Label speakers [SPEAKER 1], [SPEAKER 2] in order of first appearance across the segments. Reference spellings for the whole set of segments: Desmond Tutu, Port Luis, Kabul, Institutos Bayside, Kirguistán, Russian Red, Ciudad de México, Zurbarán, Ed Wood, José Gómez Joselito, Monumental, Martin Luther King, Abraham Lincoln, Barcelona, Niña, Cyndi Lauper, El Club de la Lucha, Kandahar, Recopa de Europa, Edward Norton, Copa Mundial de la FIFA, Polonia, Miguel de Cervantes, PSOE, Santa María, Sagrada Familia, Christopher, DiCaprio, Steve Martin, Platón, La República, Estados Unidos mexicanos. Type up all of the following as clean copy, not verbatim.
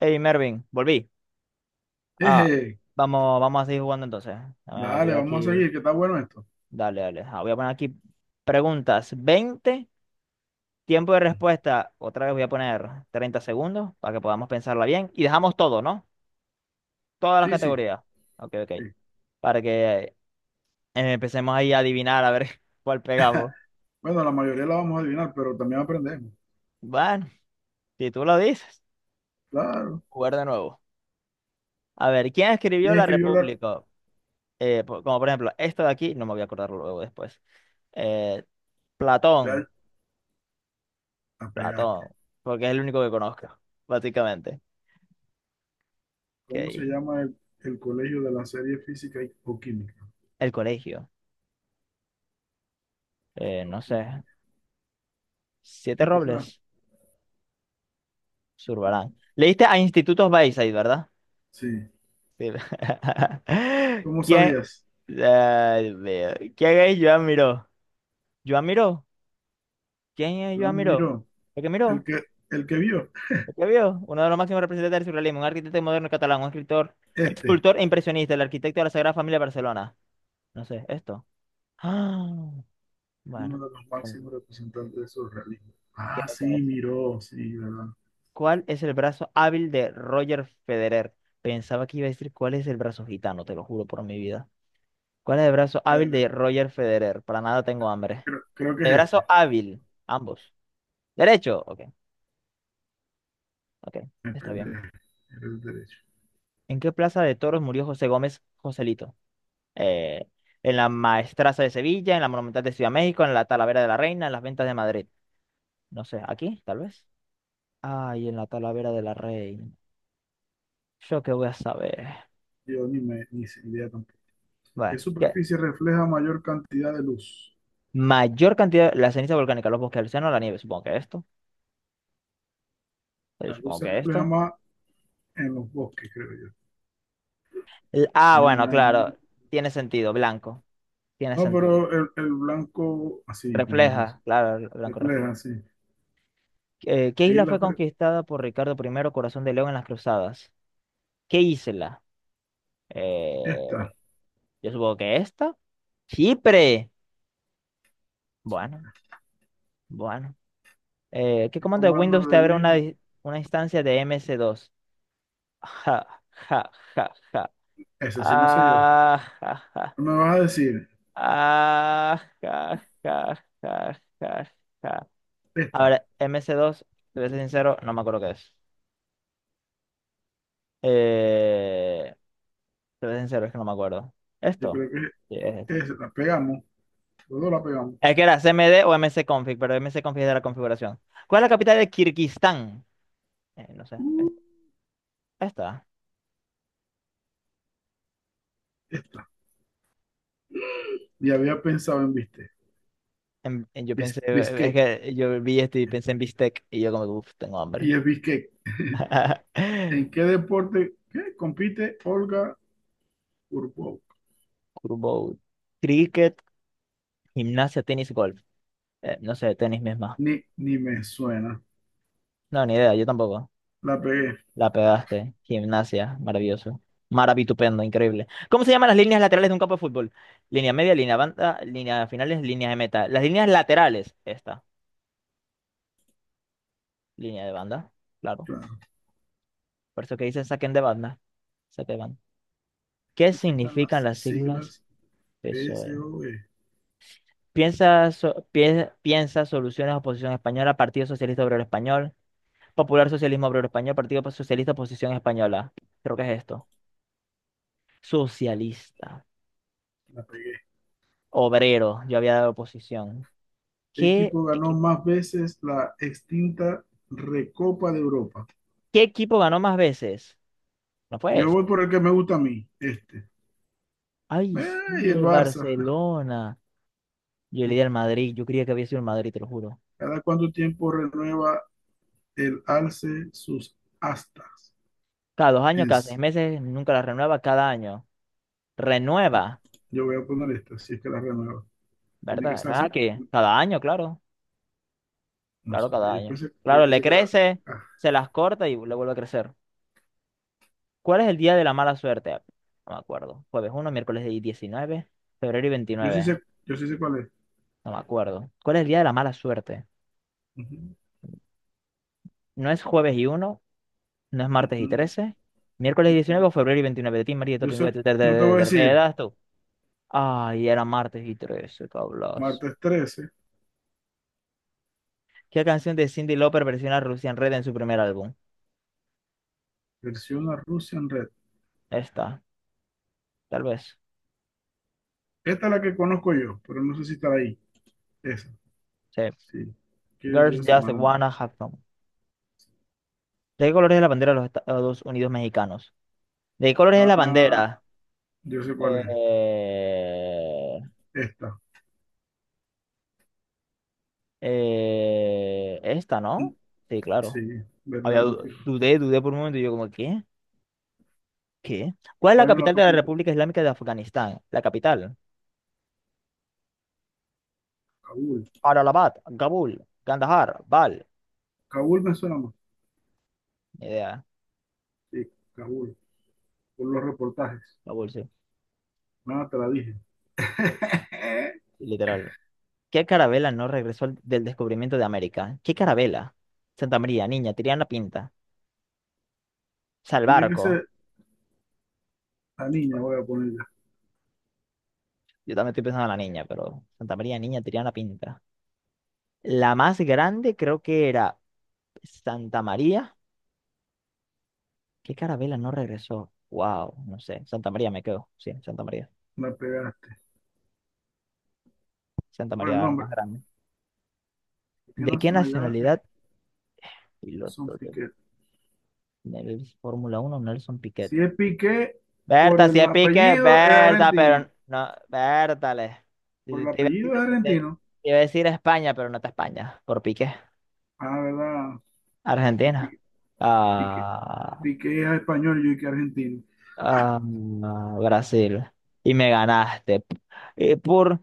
[SPEAKER 1] Hey Mervin, volví. Ah,
[SPEAKER 2] Eje,
[SPEAKER 1] vamos, vamos a seguir jugando entonces. Abrí
[SPEAKER 2] dale, vamos a
[SPEAKER 1] aquí.
[SPEAKER 2] seguir, que está bueno esto.
[SPEAKER 1] Dale, dale. Ah, voy a poner aquí preguntas, 20 tiempo de respuesta. Otra vez voy a poner 30 segundos para que podamos pensarla bien. Y dejamos todo, ¿no? Todas las
[SPEAKER 2] Sí, sí,
[SPEAKER 1] categorías. Ok, ok.
[SPEAKER 2] sí.
[SPEAKER 1] Para que eh, empecemos ahí a adivinar a ver cuál pegamos.
[SPEAKER 2] Bueno, la mayoría la vamos a adivinar, pero también aprendemos.
[SPEAKER 1] Bueno, si tú lo dices,
[SPEAKER 2] Claro.
[SPEAKER 1] jugar de nuevo. A ver, ¿quién escribió
[SPEAKER 2] ¿Quién
[SPEAKER 1] La
[SPEAKER 2] escribió la...
[SPEAKER 1] República? Como por ejemplo, esto de aquí, no me voy a acordar luego después. Eh,
[SPEAKER 2] Ya
[SPEAKER 1] Platón.
[SPEAKER 2] la pegaste.
[SPEAKER 1] Ratón, porque es el único que conozco, básicamente.
[SPEAKER 2] ¿Cómo se
[SPEAKER 1] Ok.
[SPEAKER 2] llama el colegio de la serie física o química?
[SPEAKER 1] El colegio,
[SPEAKER 2] O
[SPEAKER 1] no sé.
[SPEAKER 2] química.
[SPEAKER 1] Siete
[SPEAKER 2] ¿Este será?
[SPEAKER 1] Robles, Zurbarán. Leíste a Institutos Bayside, ¿verdad?
[SPEAKER 2] Sí.
[SPEAKER 1] Sí.
[SPEAKER 2] ¿Cómo
[SPEAKER 1] ¿Quién?
[SPEAKER 2] sabías?
[SPEAKER 1] Ay, Dios mío. ¿Quién es Joan Miró? ¿Joan Miró? ¿Quién es Joan
[SPEAKER 2] Juan
[SPEAKER 1] Miró?
[SPEAKER 2] Miró.
[SPEAKER 1] ¿El que
[SPEAKER 2] El
[SPEAKER 1] miró?
[SPEAKER 2] que, el que vio.
[SPEAKER 1] ¿El que vio? Uno de los máximos representantes del surrealismo, un arquitecto moderno catalán, un escritor,
[SPEAKER 2] Este.
[SPEAKER 1] escultor e impresionista, el arquitecto de la Sagrada Familia de Barcelona. No sé, esto. Ah,
[SPEAKER 2] Uno
[SPEAKER 1] bueno.
[SPEAKER 2] de los máximos representantes del surrealismo.
[SPEAKER 1] ¿Qué
[SPEAKER 2] Ah, sí,
[SPEAKER 1] tal?
[SPEAKER 2] Miró. Sí, ¿verdad?
[SPEAKER 1] ¿Cuál es el brazo hábil de Roger Federer? Pensaba que iba a decir cuál es el brazo gitano, te lo juro por mi vida. ¿Cuál es el brazo hábil
[SPEAKER 2] El-
[SPEAKER 1] de Roger Federer? Para nada tengo hambre.
[SPEAKER 2] creo que es
[SPEAKER 1] El brazo
[SPEAKER 2] este.
[SPEAKER 1] hábil, ambos. Derecho, ok, ok,
[SPEAKER 2] Me
[SPEAKER 1] está bien.
[SPEAKER 2] peleé. Era el derecho.
[SPEAKER 1] ¿En qué plaza de toros murió José Gómez Joselito? Eh, en la Maestraza de Sevilla, en la Monumental de Ciudad de México, en la Talavera de la Reina, en las Ventas de Madrid. No sé, aquí, tal vez. Ay, en la Talavera de la Reina. Yo qué voy a saber.
[SPEAKER 2] Yo ni, me, Ni idea tampoco. ¿Qué
[SPEAKER 1] Bueno, ¿qué?
[SPEAKER 2] superficie refleja mayor cantidad de luz?
[SPEAKER 1] Mayor cantidad, la ceniza volcánica, los bosques, el océano, la nieve. Supongo que esto. Yo
[SPEAKER 2] La luz
[SPEAKER 1] supongo
[SPEAKER 2] se
[SPEAKER 1] que
[SPEAKER 2] refleja
[SPEAKER 1] esto.
[SPEAKER 2] más en los bosques, creo yo.
[SPEAKER 1] El- ah,
[SPEAKER 2] En
[SPEAKER 1] bueno,
[SPEAKER 2] la-
[SPEAKER 1] claro. Tiene sentido, blanco. Tiene
[SPEAKER 2] No,
[SPEAKER 1] sentido.
[SPEAKER 2] pero el blanco, así, tenés
[SPEAKER 1] Refleja,
[SPEAKER 2] razón.
[SPEAKER 1] claro, el blanco refleja.
[SPEAKER 2] Refleja, así.
[SPEAKER 1] ¿Qué
[SPEAKER 2] ¿Qué
[SPEAKER 1] isla
[SPEAKER 2] isla
[SPEAKER 1] fue
[SPEAKER 2] fue
[SPEAKER 1] conquistada por Ricardo I, Corazón de León en las Cruzadas? ¿Qué isla? Eh,
[SPEAKER 2] esta?
[SPEAKER 1] yo supongo que esta. Chipre.
[SPEAKER 2] Siempre.
[SPEAKER 1] Bueno, bueno. ¿Qué
[SPEAKER 2] El
[SPEAKER 1] comando de
[SPEAKER 2] comando
[SPEAKER 1] Windows te
[SPEAKER 2] de
[SPEAKER 1] abre
[SPEAKER 2] Win,
[SPEAKER 1] una instancia de ms dos Ja, ja, ja, ja.
[SPEAKER 2] ese sí, no sé yo.
[SPEAKER 1] Ah, ja, ja.
[SPEAKER 2] No me vas a decir
[SPEAKER 1] Ah, ja, ja, ja, ja, ja. A
[SPEAKER 2] esta.
[SPEAKER 1] ver, mc dos te voy a ser sincero, no me acuerdo qué es. Eh, Te voy a ser sincero, es que no me acuerdo.
[SPEAKER 2] Yo
[SPEAKER 1] ¿Esto?
[SPEAKER 2] creo
[SPEAKER 1] Sí, es
[SPEAKER 2] que
[SPEAKER 1] esto.
[SPEAKER 2] es, la pegamos. Los dos la pegamos.
[SPEAKER 1] Es que era CMD o M C config pero M C config es de la configuración. ¿Cuál es la capital de Kirguistán? No sé. Esta.
[SPEAKER 2] Esta. Y había pensado en viste.
[SPEAKER 1] En- yo pensé, es
[SPEAKER 2] Biscay.
[SPEAKER 1] que yo vi esto y pensé en bistec y yo como, uff, tengo hambre.
[SPEAKER 2] Y es Biscay. ¿En qué deporte compite Olga Curvo?
[SPEAKER 1] Kurbo, cricket, gimnasia, tenis, golf. No sé, tenis misma.
[SPEAKER 2] Ni me suena.
[SPEAKER 1] No, ni idea, yo tampoco.
[SPEAKER 2] La pegué,
[SPEAKER 1] La pegaste. Gimnasia, maravilloso. Maravitupendo, increíble. ¿Cómo se llaman las líneas laterales de un campo de fútbol? Línea media, línea banda, línea finales, línea de meta. Las líneas laterales, esta. Línea de banda, claro.
[SPEAKER 2] claro.
[SPEAKER 1] Por eso que dicen saquen de banda. Saque de banda.
[SPEAKER 2] ¿Qué
[SPEAKER 1] ¿Qué
[SPEAKER 2] significan
[SPEAKER 1] significan
[SPEAKER 2] las
[SPEAKER 1] las siglas
[SPEAKER 2] siglas P
[SPEAKER 1] PSOE?
[SPEAKER 2] S O E.
[SPEAKER 1] Piensa, so- pie- piensa soluciones oposición española, Partido Socialista Obrero Español, Popular Socialismo Obrero Español, Partido Socialista Oposición Española. Creo que es esto. Socialista.
[SPEAKER 2] La pegué.
[SPEAKER 1] Obrero, yo había dado oposición.
[SPEAKER 2] ¿Qué
[SPEAKER 1] ¿Qué,
[SPEAKER 2] equipo ganó
[SPEAKER 1] equi-
[SPEAKER 2] más veces la extinta Recopa de Europa?
[SPEAKER 1] Qué equipo ganó más veces? No fue
[SPEAKER 2] Yo voy
[SPEAKER 1] este.
[SPEAKER 2] por el que me gusta a mí, este.
[SPEAKER 1] Ay,
[SPEAKER 2] Eh,
[SPEAKER 1] sí,
[SPEAKER 2] y el
[SPEAKER 1] el
[SPEAKER 2] Barça,
[SPEAKER 1] Barcelona. Yo le di al
[SPEAKER 2] este.
[SPEAKER 1] Madrid, yo creía que había sido el Madrid, te lo juro.
[SPEAKER 2] ¿Cada cuánto tiempo renueva el alce sus astas?
[SPEAKER 1] Cada 2 años, cada seis
[SPEAKER 2] Es-
[SPEAKER 1] meses, nunca la renueva, cada año. Renueva,
[SPEAKER 2] yo voy a poner esta, si es que la renueva. Tiene que
[SPEAKER 1] ¿verdad?
[SPEAKER 2] ser
[SPEAKER 1] No es
[SPEAKER 2] así.
[SPEAKER 1] aquí. Cada año, claro.
[SPEAKER 2] No
[SPEAKER 1] Claro,
[SPEAKER 2] sabía.
[SPEAKER 1] cada año.
[SPEAKER 2] Yo
[SPEAKER 1] Claro, le
[SPEAKER 2] pensé que era.
[SPEAKER 1] crece,
[SPEAKER 2] Ah,
[SPEAKER 1] se las corta y le vuelve a crecer. ¿Cuál es el día de la mala suerte? No me acuerdo. jueves 1 miércoles 19 febrero y 29.
[SPEAKER 2] yo sí sé cuál es.
[SPEAKER 1] No me acuerdo. ¿Cuál es el día de la mala suerte?
[SPEAKER 2] Ujú.
[SPEAKER 1] No es jueves y 1, no es
[SPEAKER 2] Mm,
[SPEAKER 1] martes y
[SPEAKER 2] mm.
[SPEAKER 1] trece, miércoles y
[SPEAKER 2] Ujú.
[SPEAKER 1] diecinueve o febrero y 29. De ti, María, de
[SPEAKER 2] Yo
[SPEAKER 1] Topingüe,
[SPEAKER 2] sé, no te voy a
[SPEAKER 1] ¿qué
[SPEAKER 2] decir,
[SPEAKER 1] edad tú? Ay, era martes y 13, cablas.
[SPEAKER 2] martes 13.
[SPEAKER 1] ¿Qué canción de Cyndi Lauper versiona Russian Red en su primer álbum?
[SPEAKER 2] Versión a Russian Red.
[SPEAKER 1] Esta, tal vez.
[SPEAKER 2] Esta es la que conozco yo, pero no sé si está ahí. Esa,
[SPEAKER 1] Sí.
[SPEAKER 2] sí. Kill
[SPEAKER 1] Girls
[SPEAKER 2] Just
[SPEAKER 1] Just
[SPEAKER 2] Wanna Be.
[SPEAKER 1] Wanna Have Fun. ¿De qué colores es la bandera de los Estados Unidos mexicanos? ¿De qué colores es la
[SPEAKER 2] Ah,
[SPEAKER 1] bandera?
[SPEAKER 2] yo sé cuál
[SPEAKER 1] Eh,
[SPEAKER 2] es. Esta,
[SPEAKER 1] Esta, ¿no? Sí,
[SPEAKER 2] sí,
[SPEAKER 1] claro.
[SPEAKER 2] verde,
[SPEAKER 1] Había,
[SPEAKER 2] blanco y rojo.
[SPEAKER 1] dudé, dudé por un momento y yo como, ¿qué? ¿Qué? ¿Cuál es la
[SPEAKER 2] ¿Cuál es la
[SPEAKER 1] capital de la
[SPEAKER 2] capital?
[SPEAKER 1] República Islámica de Afganistán? La capital.
[SPEAKER 2] Kabul.
[SPEAKER 1] Allahabad, Kabul, Kandahar, Bal.
[SPEAKER 2] Kabul me suena más.
[SPEAKER 1] Ni idea.
[SPEAKER 2] Sí, Kabul, por los reportajes.
[SPEAKER 1] Kabul, sí.
[SPEAKER 2] Nada, te la dije.
[SPEAKER 1] Literal. ¿Qué carabela no regresó al- del descubrimiento de América? ¿Qué carabela? Santa María, niña, Tiriana Pinta. O sea, el
[SPEAKER 2] Tiene que
[SPEAKER 1] barco.
[SPEAKER 2] ser la niña, voy a ponerla.
[SPEAKER 1] Yo también estoy pensando en la niña, pero Santa María, niña, Tiriana Pinta. La más grande creo que era Santa María. ¿Qué carabela no regresó? Wow, no sé. Santa María me quedo. Sí, Santa María.
[SPEAKER 2] La pegaste.
[SPEAKER 1] Santa
[SPEAKER 2] Bueno,
[SPEAKER 1] María
[SPEAKER 2] el
[SPEAKER 1] era la
[SPEAKER 2] nombre.
[SPEAKER 1] más grande.
[SPEAKER 2] ¿Por qué
[SPEAKER 1] ¿De
[SPEAKER 2] no
[SPEAKER 1] qué
[SPEAKER 2] son allá?
[SPEAKER 1] nacionalidad?
[SPEAKER 2] Son
[SPEAKER 1] Piloto
[SPEAKER 2] Piquet.
[SPEAKER 1] del Fórmula 1 Nelson Piquet.
[SPEAKER 2] Si es Piqué, por
[SPEAKER 1] Berta, si
[SPEAKER 2] el
[SPEAKER 1] es Piquet,
[SPEAKER 2] apellido es
[SPEAKER 1] Berta, pero
[SPEAKER 2] argentino.
[SPEAKER 1] no, Berta, le-
[SPEAKER 2] Por
[SPEAKER 1] Te
[SPEAKER 2] el
[SPEAKER 1] te iba a decir,
[SPEAKER 2] apellido es
[SPEAKER 1] te-
[SPEAKER 2] argentino.
[SPEAKER 1] te iba a decir España, pero no está España, por Piquet.
[SPEAKER 2] Ah, verdad. es
[SPEAKER 1] Argentina.
[SPEAKER 2] Pi- Piqué,
[SPEAKER 1] Ah,
[SPEAKER 2] Piqué es español, yo y que argentino.
[SPEAKER 1] ah, Brasil. Y me ganaste. Y por,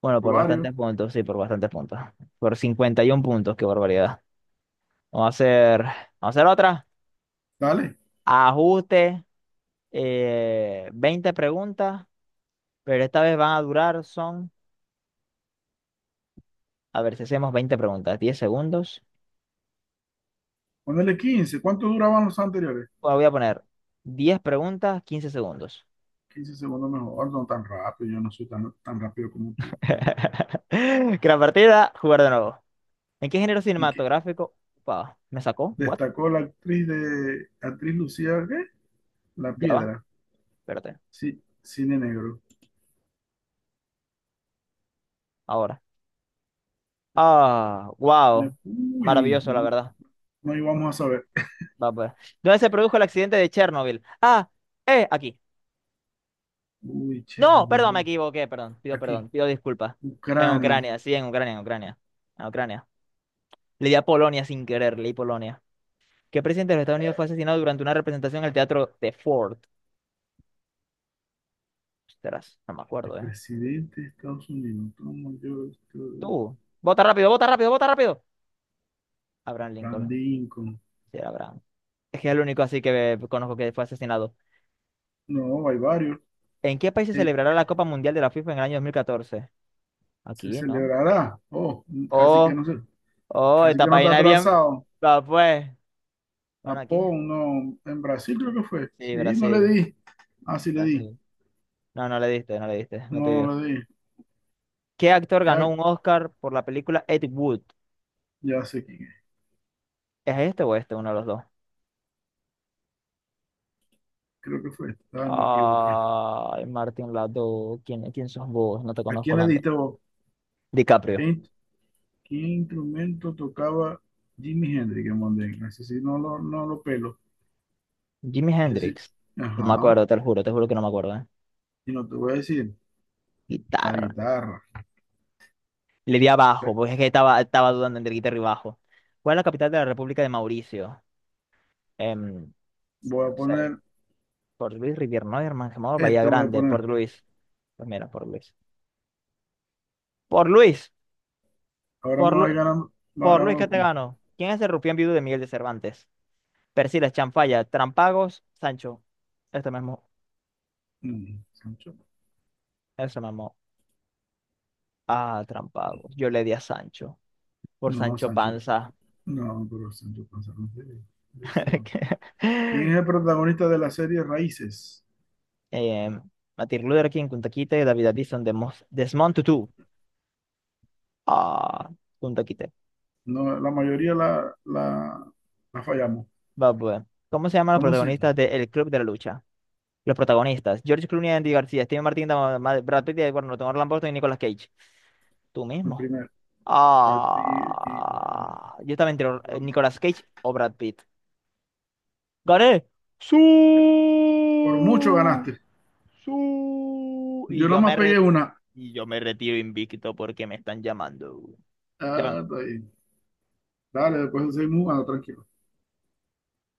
[SPEAKER 1] bueno,
[SPEAKER 2] Por
[SPEAKER 1] por
[SPEAKER 2] varios.
[SPEAKER 1] bastantes puntos, sí, por bastantes puntos. Por 51 puntos, qué barbaridad. Vamos a hacer otra.
[SPEAKER 2] Dale.
[SPEAKER 1] Ajuste, 20 preguntas, pero esta vez van a durar, son... A ver si hacemos 20 preguntas, 10 segundos.
[SPEAKER 2] Ponele 15. ¿Cuánto duraban los anteriores?
[SPEAKER 1] Bueno, voy a poner 10 preguntas, 15 segundos.
[SPEAKER 2] 15 segundos mejor. No tan rápido, yo no soy tan rápido como tú.
[SPEAKER 1] Gran partida, jugar de nuevo. ¿En qué género
[SPEAKER 2] ¿En qué?
[SPEAKER 1] cinematográfico? Upa, me sacó. ¿What?
[SPEAKER 2] Destacó la actriz de actriz Lucía, ¿qué? La
[SPEAKER 1] Ya va,
[SPEAKER 2] Piedra.
[SPEAKER 1] espérate.
[SPEAKER 2] Sí, cine negro.
[SPEAKER 1] Ahora. Ah, wow.
[SPEAKER 2] Uy,
[SPEAKER 1] Maravilloso, la
[SPEAKER 2] no,
[SPEAKER 1] verdad.
[SPEAKER 2] no íbamos a saber.
[SPEAKER 1] Va, pues. ¿Dónde se produjo el accidente de Chernobyl? Ah, aquí.
[SPEAKER 2] Uy,
[SPEAKER 1] No,
[SPEAKER 2] Chernobyl.
[SPEAKER 1] perdón, me equivoqué, perdón. Pido
[SPEAKER 2] Aquí.
[SPEAKER 1] perdón, pido disculpas. En
[SPEAKER 2] Ucrania.
[SPEAKER 1] Ucrania, sí, en Ucrania, en Ucrania. En Ucrania. Le di a Polonia sin querer, leí Polonia. ¿Qué presidente de los Estados Unidos fue asesinado durante una representación en el teatro de Ford? Ostras, no me
[SPEAKER 2] El
[SPEAKER 1] acuerdo, ¿eh?
[SPEAKER 2] presidente de Estados Unidos, Thomas George.
[SPEAKER 1] Tú. Vota rápido, vota rápido, vota rápido. Abraham
[SPEAKER 2] Abraham
[SPEAKER 1] Lincoln.
[SPEAKER 2] Lincoln.
[SPEAKER 1] Sí, era Abraham. Es que es el único así que conozco que fue asesinado.
[SPEAKER 2] No, hay varios.
[SPEAKER 1] ¿En qué país se
[SPEAKER 2] Eh,
[SPEAKER 1] celebrará la Copa Mundial de la FIFA en el año 2014?
[SPEAKER 2] se
[SPEAKER 1] Aquí, ¿no?
[SPEAKER 2] celebrará. Oh, casi que
[SPEAKER 1] Oh,
[SPEAKER 2] no sé,
[SPEAKER 1] oh,
[SPEAKER 2] casi
[SPEAKER 1] esta
[SPEAKER 2] que no está
[SPEAKER 1] página es bien.
[SPEAKER 2] atrasado.
[SPEAKER 1] Va, pues. Bueno, aquí.
[SPEAKER 2] Japón, no. En Brasil creo que fue.
[SPEAKER 1] Sí,
[SPEAKER 2] Sí, no le
[SPEAKER 1] Brasil.
[SPEAKER 2] di. Ah, sí le di.
[SPEAKER 1] Brasil. No, no le diste, no le diste. No
[SPEAKER 2] No,
[SPEAKER 1] te dio.
[SPEAKER 2] no le di.
[SPEAKER 1] ¿Qué actor
[SPEAKER 2] ¿Qué
[SPEAKER 1] ganó
[SPEAKER 2] ha-
[SPEAKER 1] un Oscar por la película Ed Wood?
[SPEAKER 2] Ya sé quién es.
[SPEAKER 1] ¿Es este o este? Uno de los dos.
[SPEAKER 2] Creo que fue. Ah, me equivoqué.
[SPEAKER 1] Ay, Martin Lado, ¿quién, quién sos vos? No te
[SPEAKER 2] ¿A
[SPEAKER 1] conozco,
[SPEAKER 2] quién le
[SPEAKER 1] Lando.
[SPEAKER 2] diste vos? ¿Qué,
[SPEAKER 1] DiCaprio.
[SPEAKER 2] in- ¿Qué instrumento tocaba Jimi Hendrix en Mondstadt? Ese sí no lo pelo.
[SPEAKER 1] Jimi
[SPEAKER 2] Ese sí.
[SPEAKER 1] Hendrix. No me
[SPEAKER 2] Ajá.
[SPEAKER 1] acuerdo, te lo juro, te juro que no me acuerdo, ¿eh?
[SPEAKER 2] Y no te voy a decir. La
[SPEAKER 1] Guitarra.
[SPEAKER 2] guitarra.
[SPEAKER 1] Le di abajo,
[SPEAKER 2] Ve,
[SPEAKER 1] porque es que estaba dudando entre guitarra y bajo. ¿Cuál es la capital de la República de Mauricio? No
[SPEAKER 2] voy a
[SPEAKER 1] sé,
[SPEAKER 2] poner,
[SPEAKER 1] Port Luis, Rivière Mangemor, Bahía
[SPEAKER 2] este voy a
[SPEAKER 1] Grande, Port
[SPEAKER 2] poner.
[SPEAKER 1] Luis. Pues mira, Port Luis. Por Luis,
[SPEAKER 2] Ahora
[SPEAKER 1] por,
[SPEAKER 2] me vas
[SPEAKER 1] Lu-
[SPEAKER 2] ganando, va
[SPEAKER 1] por Luis
[SPEAKER 2] ganando
[SPEAKER 1] qué te
[SPEAKER 2] tú.
[SPEAKER 1] gano. ¿Quién es el rufián viudo de Miguel de Cervantes? Persiles, Chanfalla, Trampagos, Sancho. Este mismo,
[SPEAKER 2] Mm, Sancho.
[SPEAKER 1] ese mismo. Ah, trampado. Yo le di a Sancho, por
[SPEAKER 2] No,
[SPEAKER 1] Sancho
[SPEAKER 2] Sancho.
[SPEAKER 1] Panza.
[SPEAKER 2] No, pero Sancho Panza no es de ese juego. ¿Quién
[SPEAKER 1] Que-
[SPEAKER 2] es el protagonista de la serie Raíces?
[SPEAKER 1] Eh, Martin Luther King, kun takite, David Addison, Demos- Desmond Tutu. Ah, kun takite.
[SPEAKER 2] No, la mayoría la fallamos.
[SPEAKER 1] Va, pues. ¿Cómo se llaman los
[SPEAKER 2] ¿Cómo se
[SPEAKER 1] protagonistas
[SPEAKER 2] llama?
[SPEAKER 1] de El Club de la Lucha? Los protagonistas. George Clooney, Andy García, Steve Martin, Dama- Ma- Brad Pitt, Edward Norton, Orlando Burton y Nicolas Cage. Tú
[SPEAKER 2] El
[SPEAKER 1] mismo.
[SPEAKER 2] primero. Katy y, bueno,
[SPEAKER 1] Ah,
[SPEAKER 2] no,
[SPEAKER 1] yo estaba entre Or-
[SPEAKER 2] Eduardo.
[SPEAKER 1] Nicolas Cage o Brad Pitt. ¡Gané! ¡Sí!
[SPEAKER 2] Por mucho ganaste.
[SPEAKER 1] Su- Y
[SPEAKER 2] Yo
[SPEAKER 1] yo
[SPEAKER 2] nomás
[SPEAKER 1] me
[SPEAKER 2] pegué
[SPEAKER 1] re-
[SPEAKER 2] una.
[SPEAKER 1] y yo me retiro invicto porque me están llamando. Ya
[SPEAKER 2] Ah,
[SPEAKER 1] van.
[SPEAKER 2] está bien. Dale, después seguimos jugando, tranquilo.